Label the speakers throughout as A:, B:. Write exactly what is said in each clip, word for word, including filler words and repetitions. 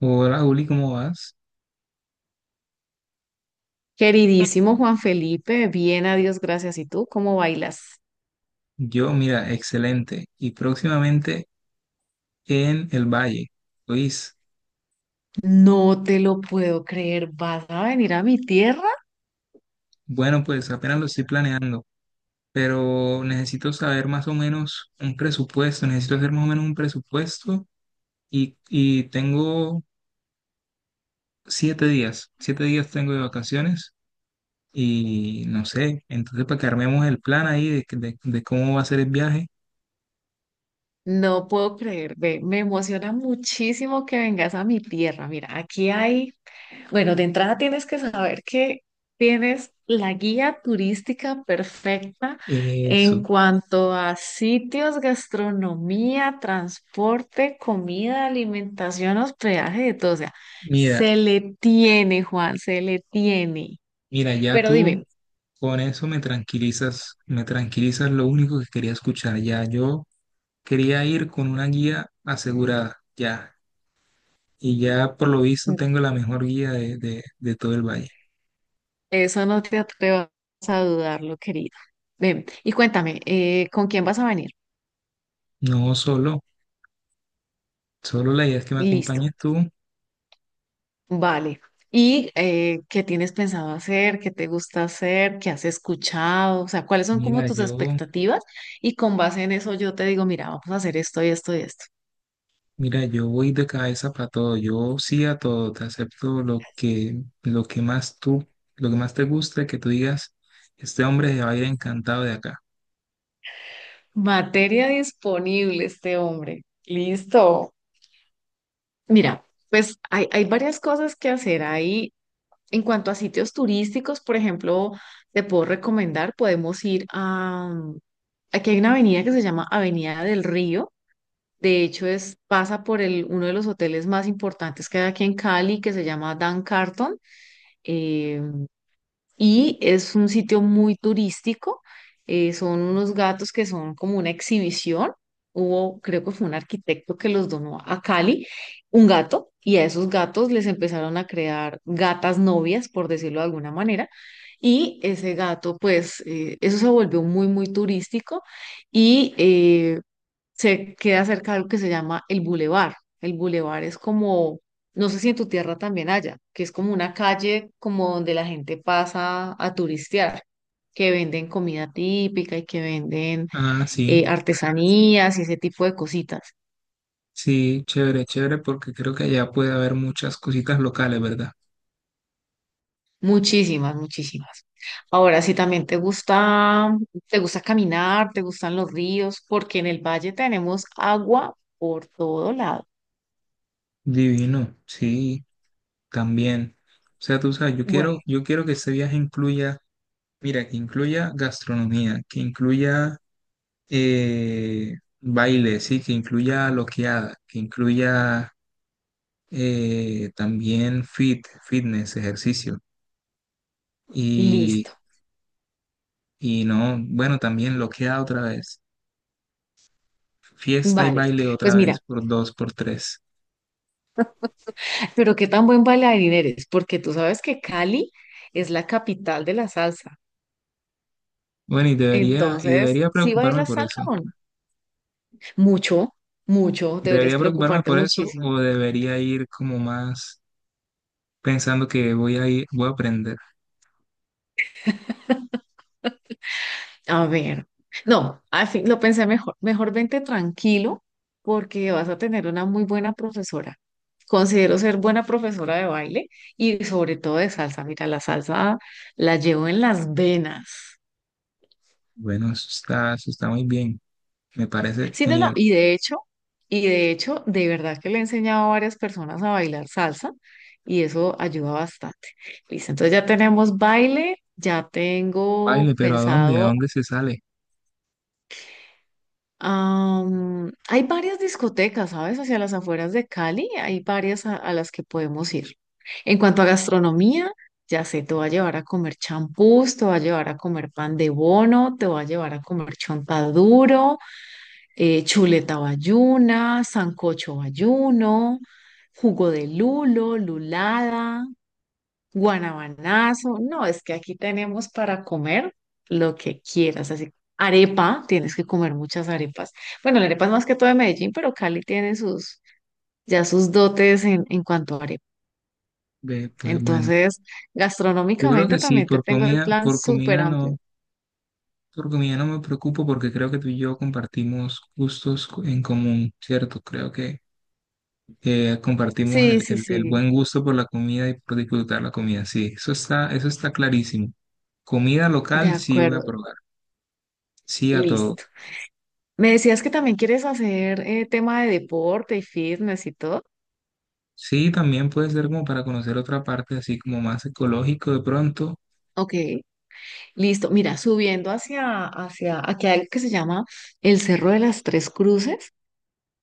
A: Hola Juli, ¿cómo vas?
B: Queridísimo Juan Felipe, bien, a Dios gracias. ¿Y tú cómo bailas?
A: Yo, mira, excelente. Y próximamente en el Valle. Luis,
B: No te lo puedo creer. ¿Vas a venir a mi tierra?
A: bueno, pues apenas lo estoy planeando, pero necesito saber más o menos un presupuesto, necesito hacer más o menos un presupuesto y, y tengo siete días, siete días tengo de vacaciones y no sé, entonces para que armemos el plan ahí de, de- de cómo va a ser el viaje,
B: No puedo creer. Ve, me emociona muchísimo que vengas a mi tierra. Mira, aquí hay. Bueno, de entrada tienes que saber que tienes la guía turística perfecta en
A: eso.
B: cuanto a sitios, gastronomía, transporte, comida, alimentación, hospedaje, de todo. O sea,
A: Mira,
B: se le tiene, Juan, se le tiene.
A: mira, ya
B: Pero
A: tú
B: dime,
A: Con eso me tranquilizas, me tranquilizas lo único que quería escuchar. Ya yo quería ir con una guía asegurada, ya. Y ya por lo visto tengo la mejor guía de, de- de todo el valle.
B: eso no te atrevas a dudarlo, querido. Ven, y cuéntame, eh, ¿con quién vas a venir?
A: No solo, solo la idea es que me
B: Listo.
A: acompañes tú.
B: Vale. ¿Y eh, qué tienes pensado hacer? ¿Qué te gusta hacer? ¿Qué has escuchado? O sea, ¿cuáles son como
A: Mira,
B: tus
A: yo,
B: expectativas? Y con base en eso yo te digo, mira, vamos a hacer esto y esto y esto.
A: Mira, yo voy de cabeza para todo. Yo sí a todo, te acepto lo que, lo que más tú, lo que más te guste, que tú digas, este hombre se va a ir encantado de acá.
B: Materia disponible, este hombre. Listo. Mira, pues hay, hay varias cosas que hacer ahí. En cuanto a sitios turísticos, por ejemplo, te puedo recomendar, podemos ir a... mm, aquí hay una avenida que se llama Avenida del Río. De hecho, es, pasa por el, uno de los hoteles más importantes que hay aquí en Cali, que se llama Dan Carton, eh, y es un sitio muy turístico. Eh, son unos gatos que son como una exhibición. Hubo, creo que fue un arquitecto que los donó a Cali, un gato, y a esos gatos les empezaron a crear gatas novias, por decirlo de alguna manera. Y ese gato, pues, eh, eso se volvió muy, muy turístico. Y eh, Se queda cerca de algo que se llama el bulevar. El bulevar es como, no sé si en tu tierra también haya, que es como una calle como donde la gente pasa a turistear, que venden comida típica y que venden
A: Ah, sí.
B: eh, artesanías y ese tipo de cositas.
A: Sí, chévere, chévere, porque creo que allá puede haber muchas cositas locales, ¿verdad?
B: Muchísimas, muchísimas. Ahora, si también te gusta, te gusta caminar, te gustan los ríos, porque en el valle tenemos agua por todo lado.
A: Divino, sí, también. O sea, tú sabes, yo
B: Bueno,
A: quiero, yo quiero que este viaje incluya, mira, que incluya gastronomía, que incluya eh, baile, sí, que incluya loqueada, que incluya eh, también fit, fitness, ejercicio. Y,
B: listo.
A: y no, bueno, también loqueada otra vez, fiesta y
B: Vale,
A: baile
B: pues
A: otra vez,
B: mira.
A: por dos, por tres.
B: Pero qué tan buen bailarín eres, porque tú sabes que Cali es la capital de la salsa.
A: Bueno, y debería, y
B: Entonces,
A: debería
B: ¿sí
A: preocuparme
B: bailas
A: por
B: salsa
A: eso.
B: o no? Mucho, mucho, deberías
A: ¿Debería preocuparme
B: preocuparte
A: por eso
B: muchísimo.
A: o debería ir como más pensando que voy a ir, voy a aprender?
B: A ver, no, al fin lo pensé mejor. Mejor vente tranquilo porque vas a tener una muy buena profesora. Considero ser buena profesora de baile y sobre todo de salsa. Mira, la salsa la llevo en las venas.
A: Bueno, eso está, eso está muy bien. Me parece
B: Sí, no, no,
A: genial.
B: y de hecho, y de hecho, de verdad que le he enseñado a varias personas a bailar salsa y eso ayuda bastante. Listo, entonces ya tenemos baile, ya tengo
A: Baile, pero ¿a dónde? ¿A
B: pensado,
A: dónde se sale?
B: am, hay varias discotecas, ¿sabes? Hacia las afueras de Cali, hay varias a, a las que podemos ir. En cuanto a gastronomía, ya sé, te voy a llevar a comer champús, te voy a llevar a comer pan de bono, te voy a llevar a comer chontaduro, eh, chuleta bayuna, sancocho bayuno, jugo de lulo, lulada, guanabanazo. No, es que aquí tenemos para comer lo que quieras. Así, arepa, tienes que comer muchas arepas. Bueno, la arepa es más que todo de Medellín, pero Cali tiene sus, ya sus dotes en, en cuanto a arepa.
A: Ve, pues bueno,
B: Entonces,
A: yo creo
B: gastronómicamente
A: que sí,
B: también te
A: por
B: tengo el
A: comida,
B: plan
A: por
B: súper
A: comida
B: amplio.
A: no, por comida no me preocupo porque creo que tú y yo compartimos gustos co- en común, ¿cierto? Creo que eh, compartimos
B: Sí,
A: el,
B: sí,
A: el- el
B: sí,
A: buen gusto por la comida y por disfrutar la comida. Sí, eso está, eso está clarísimo. Comida
B: de
A: local, sí voy
B: acuerdo,
A: a probar. Sí a todo.
B: listo. Me decías que también quieres hacer eh, tema de deporte y fitness y todo.
A: Sí, también puede ser como para conocer otra parte, así como más ecológico de pronto.
B: Ok, listo. Mira, subiendo hacia, hacia aquí hay algo que se llama el Cerro de las Tres Cruces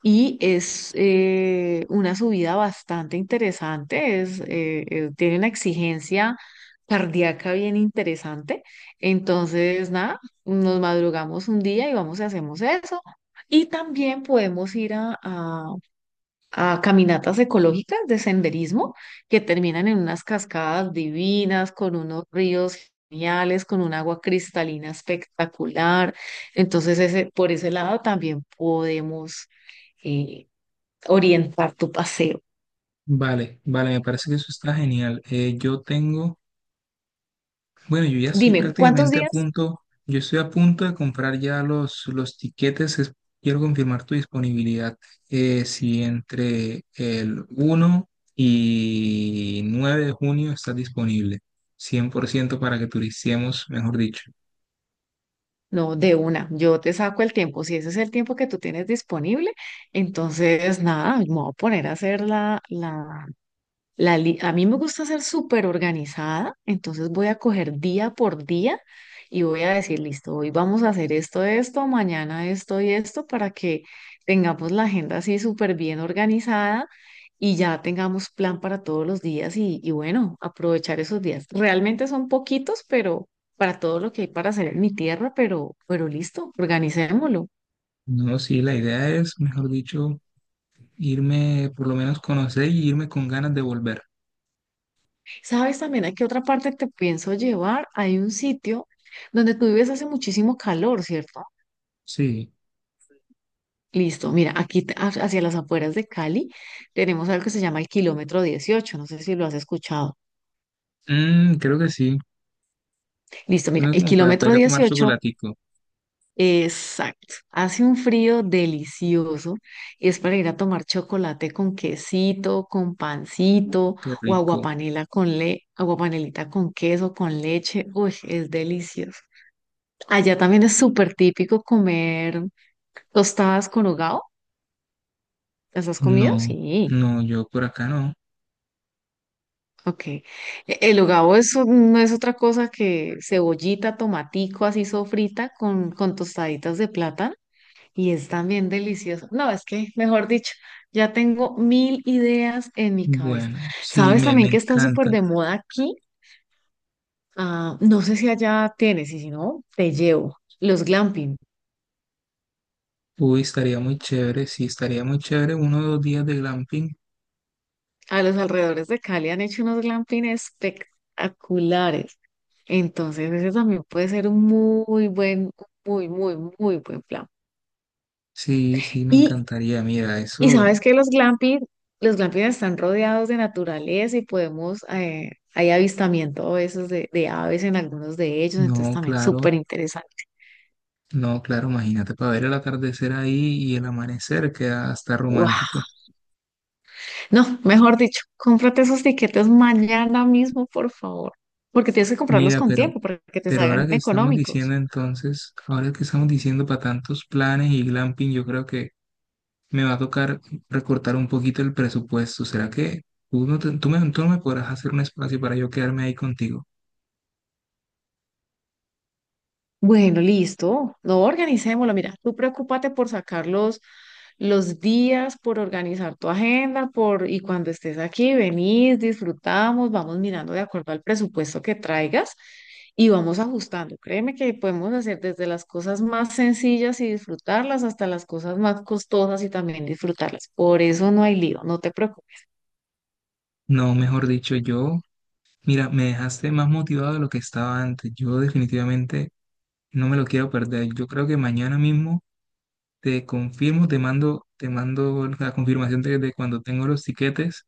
B: y es eh, una subida bastante interesante. Es, eh, eh, tiene una exigencia cardíaca bien interesante. Entonces, nada, nos madrugamos un día y vamos y hacemos eso. Y también podemos ir a, a a caminatas ecológicas de senderismo que terminan en unas cascadas divinas, con unos ríos geniales, con un agua cristalina espectacular. Entonces, ese, por ese lado también podemos eh, orientar tu paseo.
A: Vale, vale, me parece que eso está genial. Eh, yo tengo. Bueno, yo ya estoy
B: Dime, ¿cuántos
A: prácticamente a
B: días?
A: punto, yo estoy a punto de comprar ya los, los tiquetes, es- quiero confirmar tu disponibilidad. Eh, si entre el uno y nueve de junio estás disponible, cien por ciento para que turiciemos, mejor dicho.
B: No, de una, yo te saco el tiempo. Si ese es el tiempo que tú tienes disponible, entonces nada, me voy a poner a hacer la, la, la li- a mí me gusta ser súper organizada, entonces voy a coger día por día y voy a decir, listo, hoy vamos a hacer esto, esto, mañana esto y esto para que tengamos la agenda así súper bien organizada y ya tengamos plan para todos los días y, y bueno, aprovechar esos días. Realmente son poquitos, pero para todo lo que hay para hacer en mi tierra, pero, pero listo, organicémoslo.
A: No, sí, la idea es, mejor dicho, irme, por lo menos conocer y irme con ganas de volver.
B: ¿Sabes también a qué otra parte te pienso llevar? Hay un sitio donde tú vives hace muchísimo calor, ¿cierto?
A: Sí,
B: Listo, mira, aquí te- ha- hacia las afueras de Cali tenemos algo que se llama el kilómetro dieciocho. No sé si lo has escuchado.
A: mm, creo que sí,
B: Listo, mira,
A: suena
B: el
A: como para, para
B: kilómetro
A: ir a tomar
B: dieciocho.
A: chocolatico,
B: Exacto, hace un frío delicioso y es para ir a tomar chocolate con quesito, con pancito
A: qué
B: o
A: rico.
B: aguapanela con le, aguapanelita con queso, con leche, uy, es delicioso. Allá también es súper típico comer tostadas con hogao, ¿las has comido?
A: No,
B: Sí.
A: no, yo por acá no.
B: Ok. E- el hogao es un- no es otra cosa que cebollita, tomatico así sofrita con, con tostaditas de plátano y es también delicioso. No, es que, mejor dicho, ya tengo mil ideas en mi cabeza.
A: Bueno, sí,
B: ¿Sabes
A: me,
B: también
A: me
B: que está súper
A: encanta.
B: de moda aquí? Ah, no sé si allá tienes y si no, te llevo. Los glamping.
A: Uy, estaría muy chévere, sí, estaría muy chévere uno o dos días de glamping.
B: A los alrededores de Cali han hecho unos glamping espectaculares. Entonces, ese también puede ser un muy buen, muy, muy, muy buen plan.
A: Sí, sí, me
B: Y
A: encantaría. Mira,
B: Y
A: eso,
B: sabes que los glamping, los glamping están rodeados de naturaleza y podemos, eh, hay avistamiento a veces de, de aves en algunos de ellos, entonces
A: no,
B: también
A: claro,
B: súper interesante.
A: no, claro, imagínate para ver el atardecer ahí y el amanecer queda hasta
B: ¡Guau!
A: romántico.
B: No, mejor dicho, cómprate esos tiquetes mañana mismo, por favor, porque tienes que comprarlos
A: Mira,
B: con
A: pero,
B: tiempo para que te
A: pero ahora
B: salgan
A: que estamos
B: económicos.
A: diciendo entonces, ahora que estamos diciendo para tantos planes y glamping, yo creo que me va a tocar recortar un poquito el presupuesto. ¿Será que tú no, te- tú me, tú no me podrás hacer un espacio para yo quedarme ahí contigo?
B: Bueno, listo. No, organicémoslo. Mira, tú preocúpate por sacar los, los días, por organizar tu agenda, por, y cuando estés aquí, venís, disfrutamos, vamos mirando de acuerdo al presupuesto que traigas y vamos ajustando. Créeme que podemos hacer desde las cosas más sencillas y disfrutarlas hasta las cosas más costosas y también disfrutarlas. Por eso no hay lío, no te preocupes.
A: No, mejor dicho, yo, mira, me dejaste más motivado de lo que estaba antes. Yo definitivamente no me lo quiero perder. Yo creo que mañana mismo te confirmo, te mando, te mando la confirmación de, de cuando tengo los tiquetes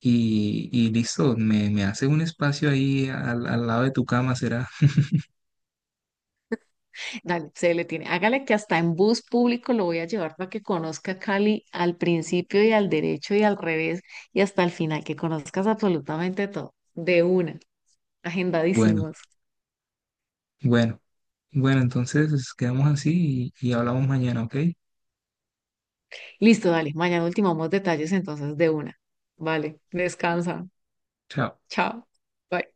A: y, y listo, me, me hace un espacio ahí al, al lado de tu cama, será.
B: Dale, se le tiene. Hágale que hasta en bus público lo voy a llevar para que conozca Cali al principio y al derecho y al revés y hasta el final, que conozcas absolutamente todo. De una,
A: Bueno,
B: agendadísimos.
A: bueno, bueno, entonces quedamos así y, y hablamos mañana, ¿ok?
B: Listo, dale. Mañana ultimamos detalles entonces de una. Vale,
A: Bueno,
B: descansa.
A: chao.
B: Chao. Bye.